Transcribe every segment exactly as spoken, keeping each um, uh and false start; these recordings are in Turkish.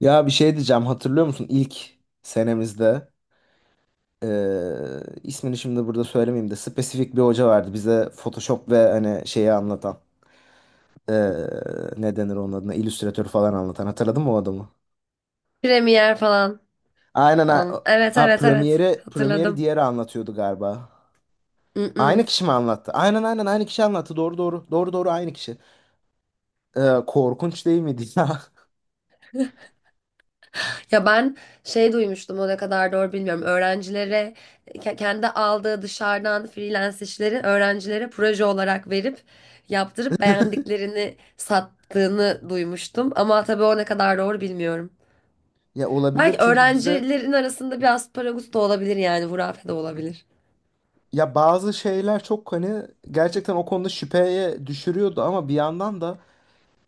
Ya bir şey diyeceğim, hatırlıyor musun ilk senemizde eee, ismini şimdi burada söylemeyeyim de spesifik bir hoca vardı bize Photoshop ve hani şeyi anlatan eee ne denir onun adına, Illustrator falan anlatan? Hatırladın mı o adamı? Premier falan. Aynen, ha, An- Evet ha, evet evet. Premiere'i Premiere'i Hatırladım. diğeri anlatıyordu galiba. Aynı Mm-mm. kişi mi anlattı? Aynen, aynen, aynı kişi anlattı. Doğru, doğru, doğru, doğru, aynı kişi. Eee, korkunç değil miydi ya? Ya ben şey duymuştum, o ne kadar doğru bilmiyorum. Öğrencilere ke- kendi aldığı dışarıdan freelance işleri öğrencilere proje olarak verip yaptırıp beğendiklerini sattığını duymuştum. Ama tabii o ne kadar doğru bilmiyorum. Ya olabilir, Belki çünkü bize öğrencilerin arasında biraz paragut da olabilir, yani hurafe de olabilir. ya bazı şeyler çok hani gerçekten o konuda şüpheye düşürüyordu, ama bir yandan da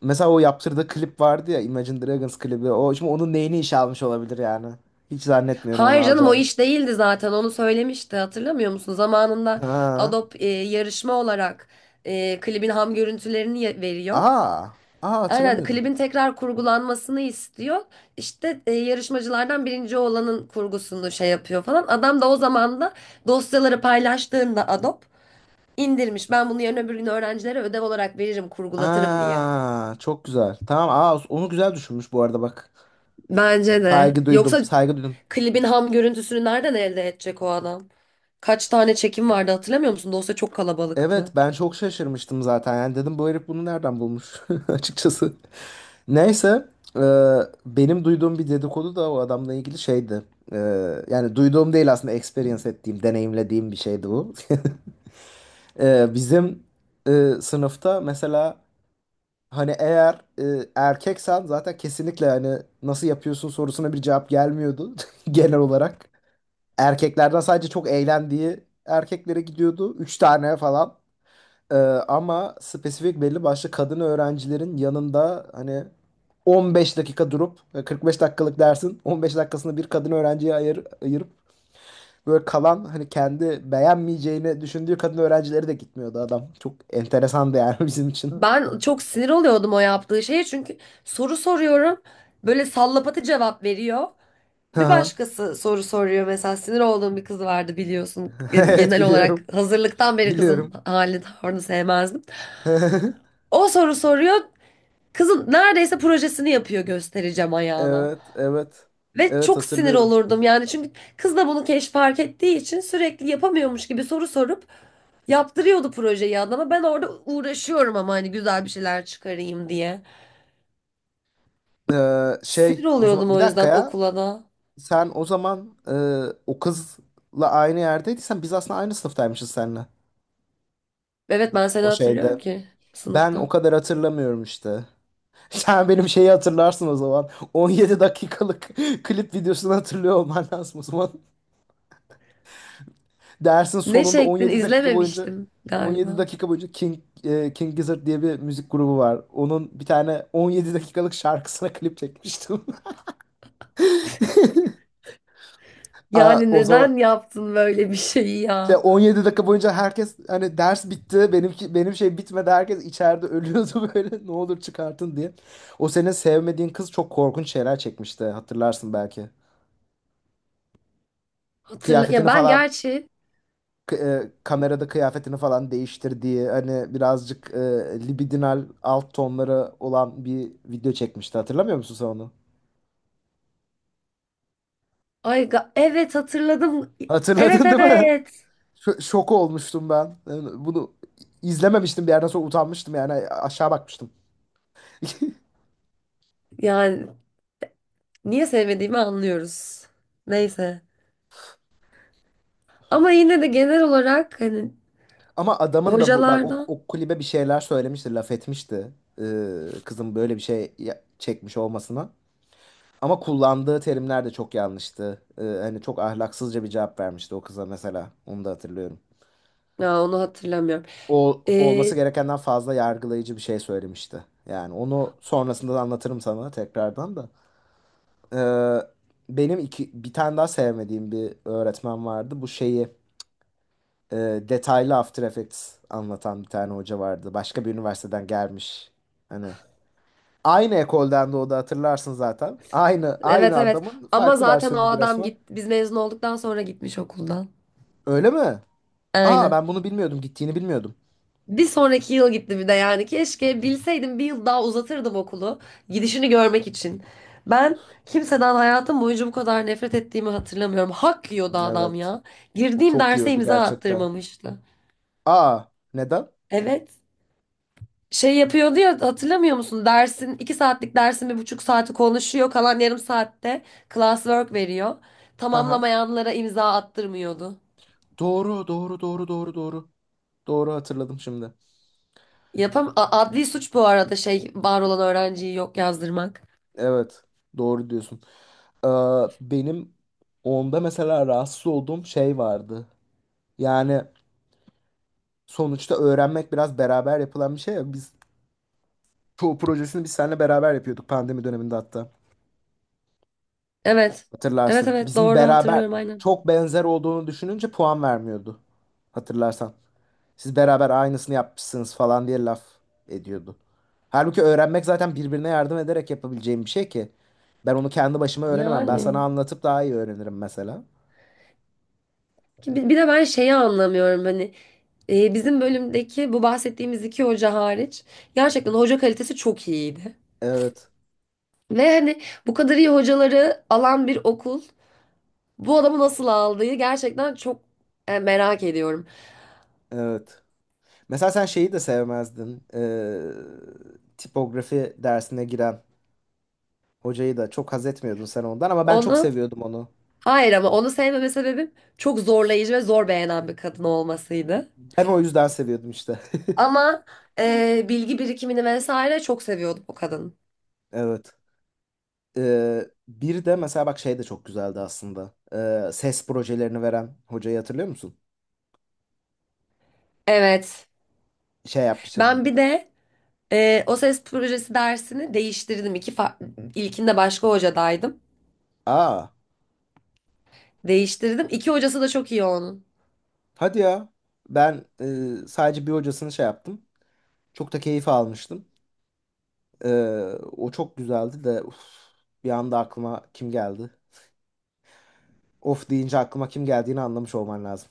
mesela o yaptırdığı klip vardı ya, Imagine Dragons klibi. O şimdi onun neyini işe almış olabilir yani. Hiç zannetmiyorum onu Hayır canım, o alacağını. iş değildi zaten, onu söylemişti hatırlamıyor musun? Zamanında Ha. Adobe e, yarışma olarak e, klibin ham görüntülerini ye- veriyor. Aa. Aa, Aynen, hatırlamıyordum. klibin tekrar kurgulanmasını istiyor. İşte e, yarışmacılardan birinci olanın kurgusunu şey yapıyor falan. Adam da o zaman da dosyaları paylaştığında Adobe indirmiş. Ben bunu yarın öbür gün öğrencilere ödev olarak veririm, kurgulatırım diye. Aa, çok güzel. Tamam, aa, onu güzel düşünmüş bu arada bak. Bence de. Saygı duydum. Yoksa Saygı duydum. klibin ham görüntüsünü nereden elde edecek o adam? Kaç tane çekim vardı hatırlamıyor musun? Dosya çok kalabalıktı. Evet, ben çok şaşırmıştım zaten. Yani dedim bu herif bunu nereden bulmuş açıkçası. Neyse, e, benim duyduğum bir dedikodu da o adamla ilgili şeydi. E, Yani duyduğum değil, aslında experience ettiğim, deneyimlediğim bir şeydi bu. Ee, bizim e, sınıfta mesela hani eğer e, erkeksen zaten kesinlikle hani nasıl yapıyorsun sorusuna bir cevap gelmiyordu genel olarak. Erkeklerden sadece çok eğlendiği erkeklere gidiyordu. Üç tane falan. Ee, Ama spesifik belli başlı kadın öğrencilerin yanında hani on beş dakika durup e, kırk beş dakikalık dersin on beş dakikasını bir kadın öğrenciye ayır, ayırıp böyle kalan, hani kendi beğenmeyeceğini düşündüğü kadın öğrencileri de gitmiyordu adam. Çok enteresandı yani bizim için. Ben çok sinir oluyordum o yaptığı şeye, çünkü soru soruyorum. Böyle sallapatı cevap veriyor. Bir Aha. başkası soru soruyor, mesela sinir olduğum bir kız vardı biliyorsun. Yani Evet, genel olarak biliyorum. hazırlıktan beri kızın Biliyorum. halini tavrını sevmezdim. O soru soruyor. Kızın neredeyse projesini yapıyor göstereceğim ayağına. Evet, evet. Ve Evet, çok sinir hatırlıyorum. olurdum yani, çünkü kız da bunu keş fark ettiği için sürekli yapamıyormuş gibi soru sorup yaptırıyordu projeyi adama. Ben orada uğraşıyorum ama hani güzel bir şeyler çıkarayım diye. Ee, Sinir Şey, o oluyordum zaman bir o dakika yüzden ya. okula da. Sen o zaman e, o kızla aynı yerdeydiysen biz aslında aynı sınıftaymışız seninle. Evet, ben seni O hatırlıyorum şeyde. ki Ben o sınıftan. kadar hatırlamıyorum işte. Sen benim şeyi hatırlarsın o zaman. on yedi dakikalık klip videosunu hatırlıyor olman lazım o zaman. Dersin Ne sonunda çektin, on yedi dakika boyunca izlememiştim on yedi galiba. dakika boyunca King e, King Gizzard diye bir müzik grubu var. Onun bir tane on yedi dakikalık şarkısına klip çekmiştim. Aa, Yani o zaman neden yaptın böyle bir şeyi şey, ya? on yedi dakika boyunca herkes hani ders bitti. Benimki, benim şey bitmedi. Herkes içeride ölüyordu böyle, ne olur çıkartın diye. O senin sevmediğin kız çok korkunç şeyler çekmişti. Hatırlarsın belki. Hatırla ya, Kıyafetini ben falan, gerçi k- e, kamerada kıyafetini falan değiştirdiği, hani birazcık e, libidinal alt tonları olan bir video çekmişti. Hatırlamıyor musun sen onu? ay ga- evet, hatırladım. Evet Hatırladın değil mi? evet. Ş- şok olmuştum ben. Yani bunu izlememiştim, bir yerden sonra utanmıştım yani, aşağı bakmıştım. Yani niye sevmediğimi anlıyoruz. Neyse. Ama yine de genel olarak hani Ama adamın da bu bak o, hocalardan, o kulübe bir şeyler söylemişti, laf etmişti. Ee, kızın böyle bir şey ya- çekmiş olmasına. Ama kullandığı terimler de çok yanlıştı. Ee, hani çok ahlaksızca bir cevap vermişti o kıza mesela. Onu da hatırlıyorum. ya onu hatırlamıyorum. O, olması Ee, gerekenden fazla yargılayıcı bir şey söylemişti. Yani onu sonrasında da anlatırım sana tekrardan da. Ee, Benim iki, bir tane daha sevmediğim bir öğretmen vardı. Bu şeyi, e, detaylı After Effects anlatan bir tane hoca vardı. Başka bir üniversiteden gelmiş. Hani aynı ekolden, de o da hatırlarsın zaten. Aynı, Evet aynı evet. adamın Ama farklı zaten o versiyonuydu adam resmen. git biz mezun olduktan sonra gitmiş okuldan. Öyle mi? Aa, Aynen. ben bunu bilmiyordum. Gittiğini bilmiyordum. Bir sonraki yıl gitti bir de yani. Keşke bilseydim, bir yıl daha uzatırdım okulu. Gidişini görmek için. Ben kimseden hayatım boyunca bu kadar nefret ettiğimi hatırlamıyorum. Hak yiyordu adam Evet. ya. Girdiğim Çok derse yiyordu imza gerçekten. attırmamıştı. Aa, neden? Evet. Şey yapıyordu ya, hatırlamıyor musun? Dersin, iki saatlik dersin bir buçuk saati konuşuyor. Kalan yarım saatte classwork veriyor. Haha. Tamamlamayanlara imza attırmıyordu. Doğru, doğru, doğru, doğru, doğru. Doğru, hatırladım şimdi. Yapam A- adli suç bu arada, şey, var olan öğrenciyi yok yazdırmak. Evet, doğru diyorsun. Ee, Benim onda mesela rahatsız olduğum şey vardı. Yani sonuçta öğrenmek biraz beraber yapılan bir şey ya. Biz çoğu projesini biz seninle beraber yapıyorduk pandemi döneminde hatta. Evet. Evet Hatırlarsın. evet, Bizim doğru beraber hatırlıyorum aynen. çok benzer olduğunu düşününce puan vermiyordu. Hatırlarsan. Siz beraber aynısını yapmışsınız falan diye laf ediyordu. Halbuki öğrenmek zaten birbirine yardım ederek yapabileceğim bir şey ki. Ben onu kendi başıma öğrenemem. Ben sana Yani anlatıp daha iyi öğrenirim mesela. ki bi- bir de ben şeyi anlamıyorum hani, e, bizim bölümdeki bu bahsettiğimiz iki hoca hariç gerçekten hoca kalitesi çok iyiydi. Evet, Ve hani bu kadar iyi hocaları alan bir okul bu adamı nasıl aldığı gerçekten çok e, merak ediyorum. evet. Mesela sen şeyi de sevmezdin. Ee, tipografi dersine giren hocayı da çok haz etmiyordun sen ondan, ama ben çok Onu, seviyordum onu. hayır, ama onu sevmeme sebebim çok zorlayıcı ve zor beğenen bir kadın olmasıydı. Ben o yüzden seviyordum işte. Ama e, bilgi birikimini vesaire çok seviyordum o kadın. Evet. Ee, bir de mesela bak, şey de çok güzeldi aslında. Ee, ses projelerini veren hocayı hatırlıyor musun? Evet. Şey yapmıştık. Ben bir de e, o ses projesi dersini değiştirdim. İki fa- ilkinde başka hocadaydım. Aa, Değiştirdim. İki hocası da çok iyi onun. hadi ya. Ben, e, sadece bir hocasını şey yaptım. Çok da keyif almıştım. E, O çok güzeldi de, uf, bir anda aklıma kim geldi? Of deyince aklıma kim geldiğini anlamış olman lazım.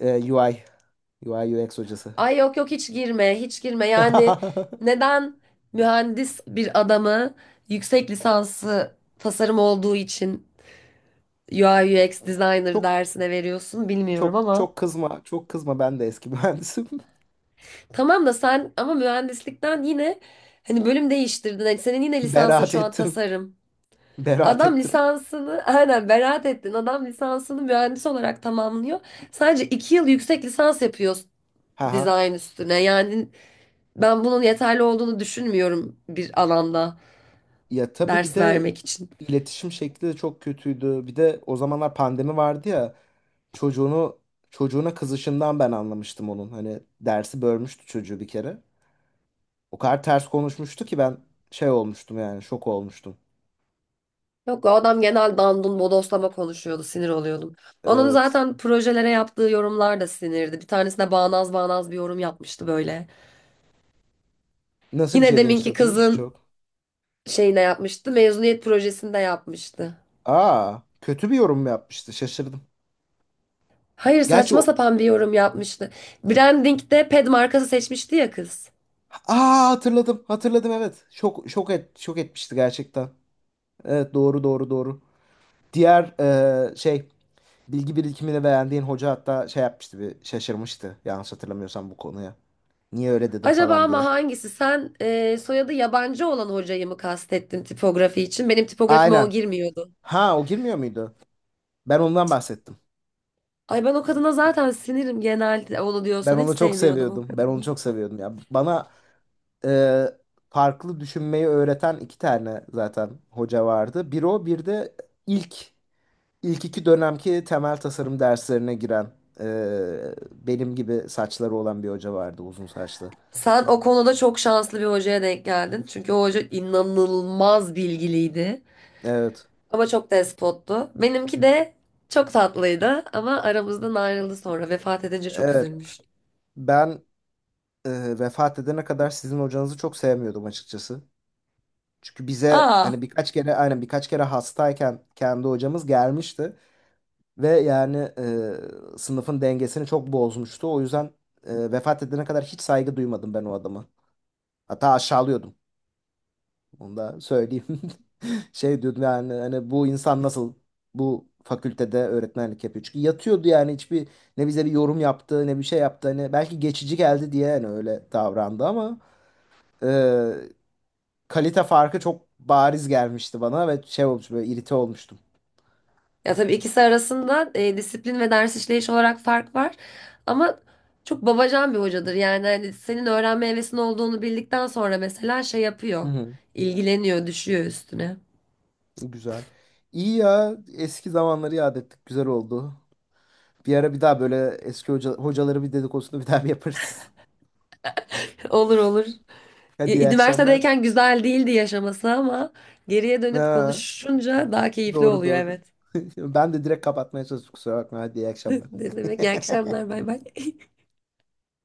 E, U I, U I U X hocası. Ay yok yok, hiç girme, hiç girme. Yani neden mühendis bir adamı yüksek lisansı tasarım olduğu için U I U X designer Çok, dersine veriyorsun bilmiyorum çok, ama. çok kızma, çok kızma, ben de eski mühendisim. Tamam da sen ama mühendislikten yine hani bölüm değiştirdin. Hani senin yine lisansın Beraat şu an ettim, tasarım. beraat Adam ettim. lisansını aynen, beraat ettin. Adam lisansını mühendis olarak tamamlıyor. Sadece iki yıl yüksek lisans yapıyor Haha. dizayn üstüne. Yani ben bunun yeterli olduğunu düşünmüyorum bir alanda Ya, tabii ders bir de vermek için. iletişim şekli de çok kötüydü. Bir de o zamanlar pandemi vardı ya. Çocuğunu Çocuğuna kızışından ben anlamıştım onun. Hani dersi bölmüştü çocuğu bir kere. O kadar ters konuşmuştu ki ben şey olmuştum, yani şok olmuştum. Yok, o adam genel dandun bodoslama konuşuyordu, sinir oluyordum. Onun Evet. zaten projelere yaptığı yorumlar da sinirdi. Bir tanesine bağnaz bağnaz bir yorum yapmıştı böyle. Nasıl bir Yine şey demişti, deminki hatırlıyor musun kızın çok? şeyine yapmıştı. Mezuniyet projesinde yapmıştı. Aa, kötü bir yorum mu yapmıştı? Şaşırdım. Hayır, Gerçi saçma o. sapan bir yorum yapmıştı. Branding'de ped markası seçmişti ya kız. Aa, hatırladım. Hatırladım, evet. Şok şok et şok etmişti gerçekten. Evet, doğru, doğru, doğru. Diğer, eee, şey, bilgi birikimini beğendiğin hoca hatta şey yapmıştı, bir şaşırmıştı yanlış hatırlamıyorsam bu konuya. Niye öyle dedim Acaba falan ama diye. hangisi? Sen e, soyadı yabancı olan hocayı mı kastettin tipografi için? Benim tipografime o Aynen. girmiyordu. Ha, o girmiyor muydu? Ben ondan bahsettim. Ay ben o kadına zaten sinirim, genelde, onu Ben diyorsan hiç onu çok sevmiyordum o seviyordum. Ben onu kadını. çok seviyordum ya. Bana e, farklı düşünmeyi öğreten iki tane zaten hoca vardı. Bir o, bir de ilk, ilk iki dönemki temel tasarım derslerine giren e, benim gibi saçları olan bir hoca vardı, uzun saçlı. Sen o konuda çok şanslı bir hocaya denk geldin. Çünkü o hoca inanılmaz bilgiliydi. Evet. Ama çok despottu. Benimki de çok tatlıydı ama aramızdan ayrıldı sonra. Vefat edince çok Evet. üzülmüştüm. Ben, e, vefat edene kadar sizin hocanızı çok sevmiyordum açıkçası. Çünkü bize Aa. hani birkaç kere, aynen birkaç kere hastayken kendi hocamız gelmişti ve yani e, sınıfın dengesini çok bozmuştu. O yüzden e, vefat edene kadar hiç saygı duymadım ben o adama. Hatta aşağılıyordum. Onu da söyleyeyim. Şey diyordum yani, hani bu insan nasıl bu fakültede öğretmenlik yapıyor. Çünkü yatıyordu yani, hiçbir, ne bize bir yorum yaptı ne bir şey yaptı. Hani belki geçici geldi diye hani öyle davrandı, ama e, kalite farkı çok bariz gelmişti bana ve şey olmuş, böyle irite olmuştum. Ya tabii ikisi arasında e, disiplin ve ders işleyiş olarak fark var. Ama çok babacan bir hocadır. Yani hani senin öğrenme hevesin olduğunu bildikten sonra mesela şey Hı yapıyor. hı. İlgileniyor, düşüyor üstüne. Güzel. İyi ya, eski zamanları yad ettik. Güzel oldu. Bir ara bir daha böyle eski hoca, hocaları bir dedikodusunu bir daha bir yaparız. Olur olur. Hadi E, iyi akşamlar. üniversitedeyken güzel değildi yaşaması ama geriye dönüp Ha, konuşunca daha keyifli doğru, oluyor, doğru. evet. Ben de direkt kapatmaya çalıştım, kusura bakma. Hadi iyi akşamlar. Ne demek? İyi akşamlar. Bay bay.